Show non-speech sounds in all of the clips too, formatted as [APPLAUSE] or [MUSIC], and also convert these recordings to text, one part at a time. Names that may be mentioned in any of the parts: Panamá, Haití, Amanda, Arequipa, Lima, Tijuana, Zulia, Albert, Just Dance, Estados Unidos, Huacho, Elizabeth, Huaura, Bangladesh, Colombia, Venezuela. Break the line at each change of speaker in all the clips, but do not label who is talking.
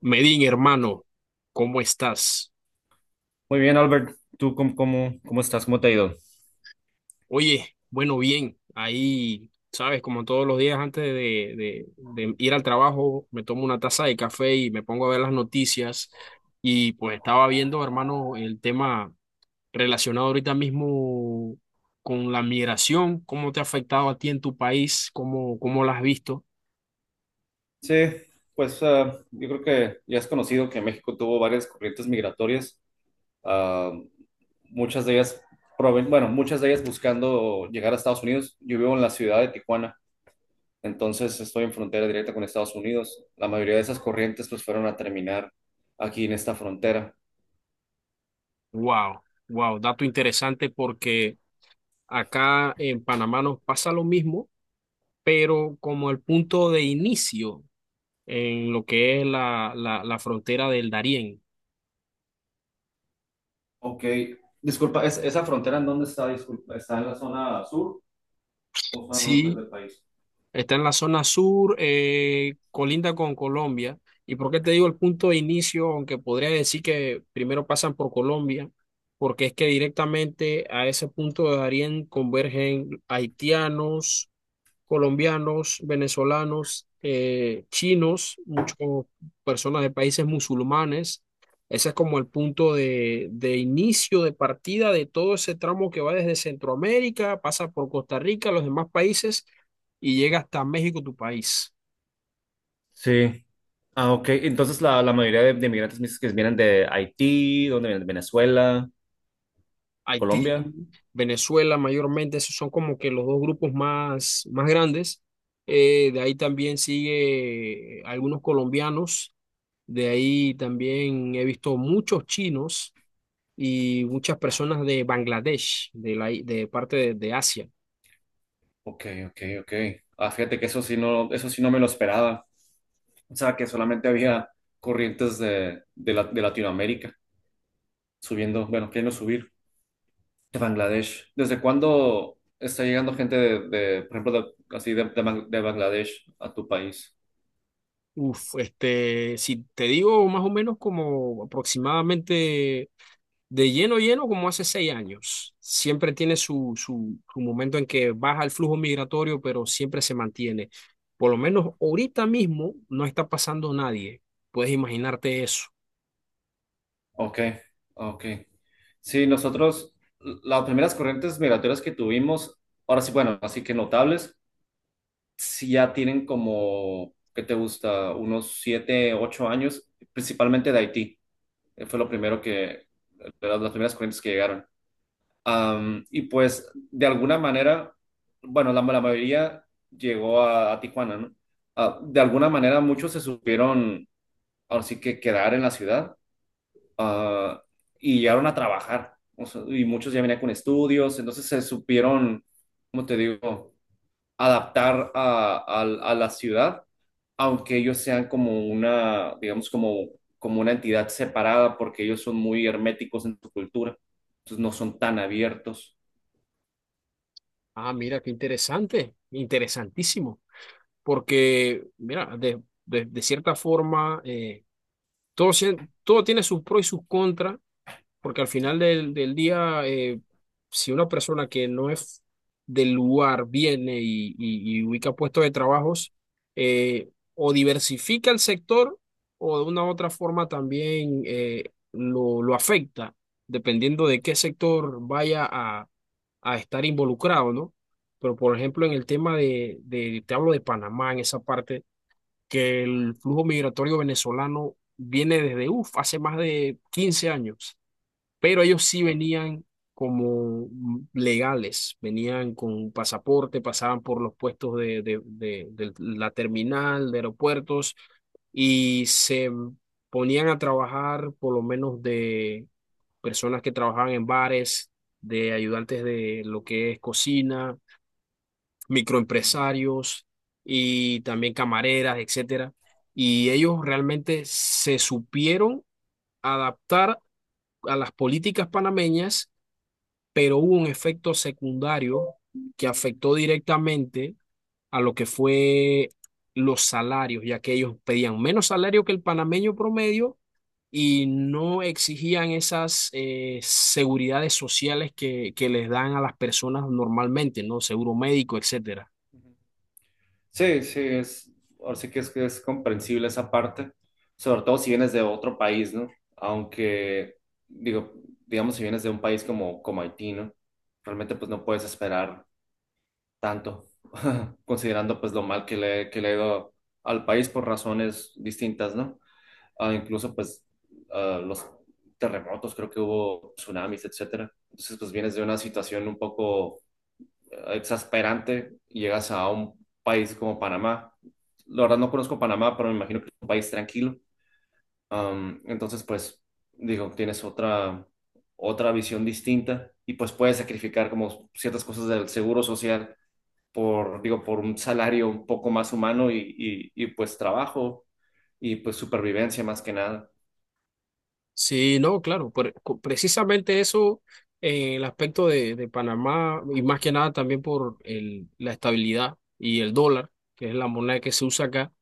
Medin, hermano, ¿cómo estás?
Muy bien, Albert. ¿Tú cómo estás? ¿Cómo te ha ido?
Oye, bueno, bien, ahí, sabes, como todos los días antes de, de ir al trabajo, me tomo una taza de café y me pongo a ver las noticias. Y pues estaba viendo, hermano, el tema relacionado ahorita mismo con la migración, cómo te ha afectado a ti en tu país, cómo la has visto.
Sí, pues yo creo que ya es conocido que México tuvo varias corrientes migratorias, ah, muchas de ellas, muchas de ellas buscando llegar a Estados Unidos. Yo vivo en la ciudad de Tijuana, entonces estoy en frontera directa con Estados Unidos. La mayoría de esas corrientes pues fueron a terminar aquí en esta frontera.
Wow, wow, dato interesante porque acá en Panamá nos pasa lo mismo, pero como el punto de inicio en lo que es la frontera del Darién.
Ok, disculpa, ¿esa frontera en dónde está? Disculpa, ¿está en la zona sur o zona norte
Sí,
del país?
está en la zona sur, colinda con Colombia. ¿Y por qué te digo el punto de inicio? Aunque podría decir que primero pasan por Colombia, porque es que directamente a ese punto de Darién convergen haitianos, colombianos, venezolanos, chinos, muchas personas de países musulmanes. Ese es como el punto de inicio, de partida de todo ese tramo que va desde Centroamérica, pasa por Costa Rica, los demás países y llega hasta México, tu país.
Sí. Ah, ok. Entonces la mayoría de migrantes me dices que vienen de Haití, ¿dónde vienen? ¿De Venezuela,
Haití,
Colombia?
Venezuela mayormente, esos son como que los dos grupos más grandes. De ahí también sigue algunos colombianos, de ahí también he visto muchos chinos y muchas personas de Bangladesh, de parte de Asia.
Ok, ok, ok. Ah, fíjate que eso sí no me lo esperaba. O sea, que solamente había corrientes de Latinoamérica subiendo, bueno, queriendo subir de Bangladesh. ¿Desde cuándo está llegando gente de, por ejemplo, de, así de, de Bangladesh a tu país?
Uf, este, si te digo más o menos como aproximadamente de lleno lleno como hace 6 años. Siempre tiene su momento en que baja el flujo migratorio, pero siempre se mantiene. Por lo menos ahorita mismo no está pasando nadie. Puedes imaginarte eso.
Ok, ok. Sí, nosotros, las primeras corrientes migratorias que tuvimos, ahora sí, bueno, así que notables. Si ya tienen como, ¿qué te gusta? Unos 7, 8 años, principalmente de Haití. Fue lo primero que, de las primeras corrientes que llegaron. Y pues, de alguna manera, bueno, la mayoría llegó a Tijuana, ¿no? Ah, de alguna manera, muchos se supieron, ahora sí que quedar en la ciudad, ah, y llegaron a trabajar. O sea, y muchos ya venían con estudios, entonces se supieron, ¿cómo te digo? Adaptar a la ciudad, aunque ellos sean como una, digamos, como una entidad separada, porque ellos son muy herméticos en su cultura, entonces no son tan abiertos.
Ah, mira, qué interesante, interesantísimo. Porque mira, de cierta forma, todo, sie- todo tiene sus pros y sus contras, porque al final del día, si una persona que no es del lugar viene y, y ubica puestos de trabajos, eh, o diversifica el sector o de una u otra forma también, lo afecta, dependiendo de qué sector vaya a estar involucrado, ¿no? Pero por ejemplo, en el tema te hablo de Panamá, en esa parte, que el flujo migratorio venezolano viene desde, uff, hace más de 15 años, pero ellos sí
¿No?
venían como mm, legales, venían con pasaporte, pasaban por los puestos de la terminal, de aeropuertos, y se ponían a trabajar por lo menos de personas que trabajaban en bares, de ayudantes de lo que es cocina,
Mm.
microempresarios y también camareras, etcétera. Y ellos realmente se supieron adaptar a las políticas panameñas, pero hubo un efecto secundario que afectó directamente a lo que fue los salarios, ya que ellos pedían menos salario que el panameño promedio y no exigían esas, seguridades sociales que les dan a las personas normalmente, ¿no? Seguro médico, etcétera.
Sí, sí, ahora sí que es comprensible esa parte, sobre todo si vienes de otro país, ¿no? Aunque, digo, digamos, si vienes de un país como, como Haití, ¿no? Realmente pues no puedes esperar tanto, [LAUGHS] considerando pues lo mal que le, ha ido al país por razones distintas, ¿no? Ah, incluso pues los terremotos, creo que hubo tsunamis, etcétera. Entonces pues vienes de una situación un poco exasperante y llegas a un país como Panamá. La verdad no conozco Panamá, pero me imagino que es un país tranquilo. Entonces pues digo, tienes otra visión distinta y pues puedes sacrificar como ciertas cosas del seguro social por, digo, por un salario un poco más humano y pues trabajo y pues supervivencia más que nada.
Sí, no, claro, precisamente eso, el aspecto de Panamá y más que nada también por la estabilidad y el dólar, que es la moneda que se usa acá,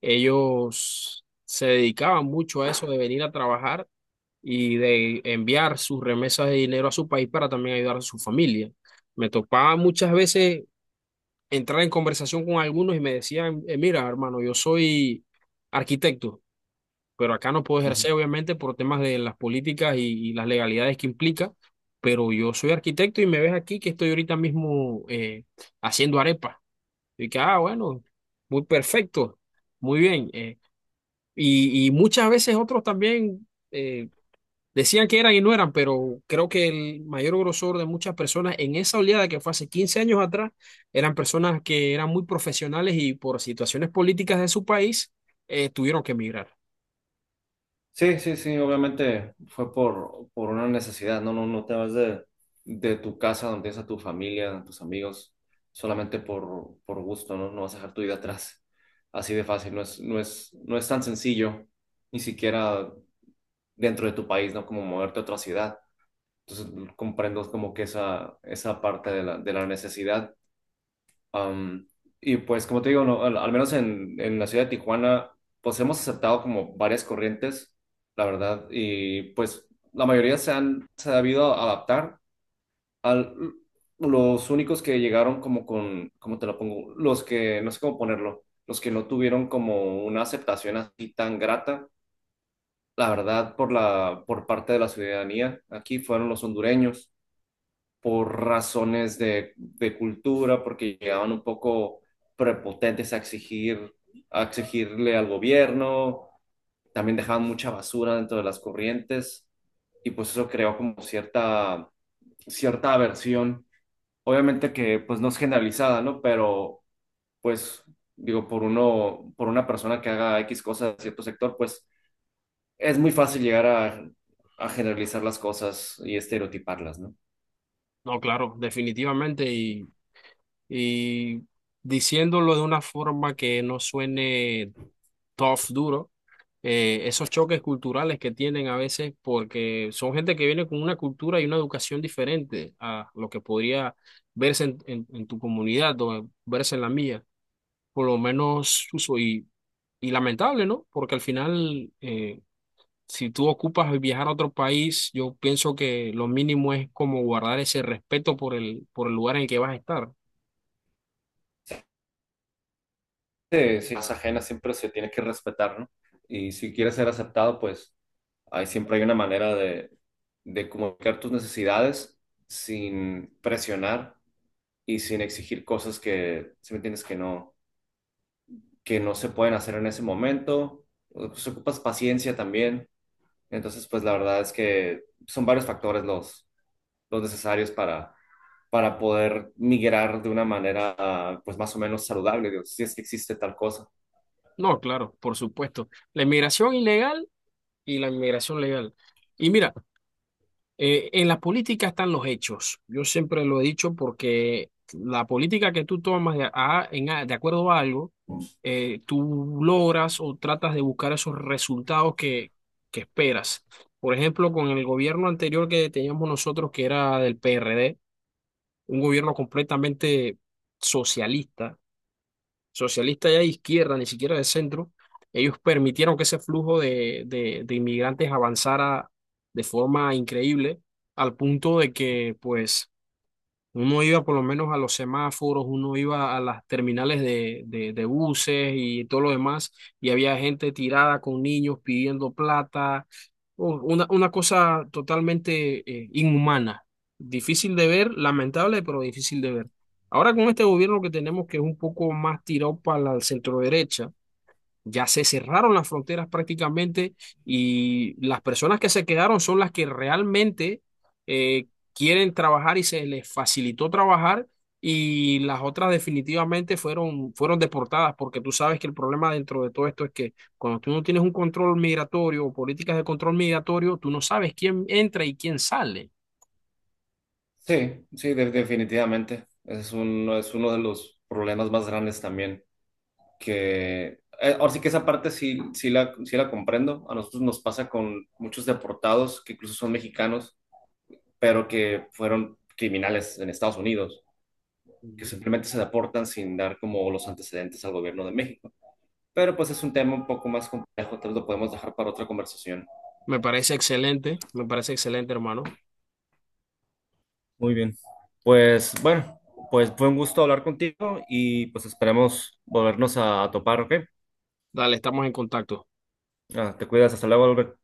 ellos se dedicaban mucho a eso de venir a trabajar y de enviar sus remesas de dinero a su país para también ayudar a su familia. Me topaba muchas veces entrar en conversación con algunos y me decían, mira, hermano, yo soy arquitecto, pero acá no puedo
Ujú.
ejercer, obviamente, por temas de las políticas y las legalidades que implica, pero yo soy arquitecto y me ves aquí que estoy ahorita mismo, haciendo arepas. Y que, ah, bueno, muy perfecto, muy bien. Y muchas veces otros también, decían que eran y no eran, pero creo que el mayor grosor de muchas personas en esa oleada que fue hace 15 años atrás, eran personas que eran muy profesionales y por situaciones políticas de su país, tuvieron que emigrar.
Sí, sí, sí, obviamente fue por, una necesidad, no, no, no te vas de tu casa donde tienes a tu familia, a tus amigos, solamente por gusto, ¿no? No vas a dejar tu vida atrás. Así de fácil, no es, no es, no es tan sencillo, ni siquiera dentro de tu país, ¿no? Como moverte a otra ciudad. Entonces comprendo como que esa parte de la necesidad. Am, y pues como te digo, no, al, menos en la ciudad de Tijuana, pues hemos aceptado como varias corrientes, la verdad, y pues la mayoría se han sabido adaptar. Al, los únicos que llegaron como con, ¿cómo te lo pongo? Los que, no sé cómo ponerlo, los que no tuvieron como una aceptación así tan grata, la verdad, por la, por parte de la ciudadanía, aquí fueron los hondureños por razones de cultura, porque llegaban un poco prepotentes a exigir, a exigirle al gobierno, también dejaban mucha basura dentro de las corrientes y pues eso creó como cierta, cierta aversión. Obviamente que pues no es generalizada, ¿no? Pero pues digo, por una persona que haga X cosa de cierto sector, pues es muy fácil llegar a generalizar las cosas y estereotiparlas, ¿no?
No, claro, definitivamente. Y diciéndolo de una forma que no suene tough, duro, esos choques culturales que tienen a veces porque son gente que viene con una cultura y una educación diferente a lo que podría verse en, en tu comunidad o verse en la mía. Por lo menos, uso y lamentable, ¿no? Porque al final, si tú ocupas viajar a otro país, yo pienso que lo mínimo es como guardar ese respeto por el lugar en el que vas a estar.
De ciencias ajenas siempre se tiene que respetar, ¿no? Y si quieres ser aceptado, pues ahí siempre hay una manera de comunicar tus necesidades sin presionar y sin exigir cosas que, si me entiendes, que no, se pueden hacer en ese momento. Pues ocupas paciencia también. Entonces, pues la verdad es que son varios factores los necesarios para poder migrar de una manera, pues más o menos saludable, digo, si es que existe tal cosa.
No, claro, por supuesto. La inmigración ilegal y la inmigración legal. Y mira, en la política están los hechos. Yo siempre lo he dicho porque la política que tú tomas de, de acuerdo a algo, tú logras o tratas de buscar esos resultados que esperas. Por ejemplo, con el gobierno anterior que teníamos nosotros, que era del PRD. Un gobierno completamente socialista, socialista ya de izquierda, ni siquiera de centro, ellos permitieron que ese flujo de inmigrantes avanzara de forma increíble, al punto de que, pues, uno iba por lo menos a los semáforos, uno iba a las terminales de buses y todo lo demás, y había gente tirada con niños pidiendo plata, una cosa totalmente, inhumana, difícil de ver, lamentable, pero difícil de ver. Ahora con este gobierno que tenemos, que es un poco más tirado para la centro, ya se cerraron las fronteras prácticamente y las personas que se quedaron son las que realmente, eh, quieren trabajar y se les facilitó trabajar, y las otras definitivamente fueron deportadas, porque tú sabes que el problema dentro de todo esto es que cuando tú no tienes un control migratorio o políticas de control migratorio, tú no sabes quién entra y quién sale.
Sí, sí, definitivamente. Ese es uno de los problemas más grandes también. Que, ahora sí que esa parte sí, sí la comprendo. A nosotros nos pasa con muchos deportados que incluso son mexicanos, pero que fueron criminales en Estados Unidos, que
Ujú.
simplemente se deportan sin dar como los antecedentes al gobierno de México. Pero pues es un tema un poco más complejo, tal vez lo podemos dejar para otra conversación.
Me parece excelente, hermano.
Muy bien. Pues bueno, pues fue un gusto hablar contigo y pues esperemos volvernos a topar, ¿ok?
Dale, estamos en contacto.
Ah, te cuidas. Hasta luego, Albert.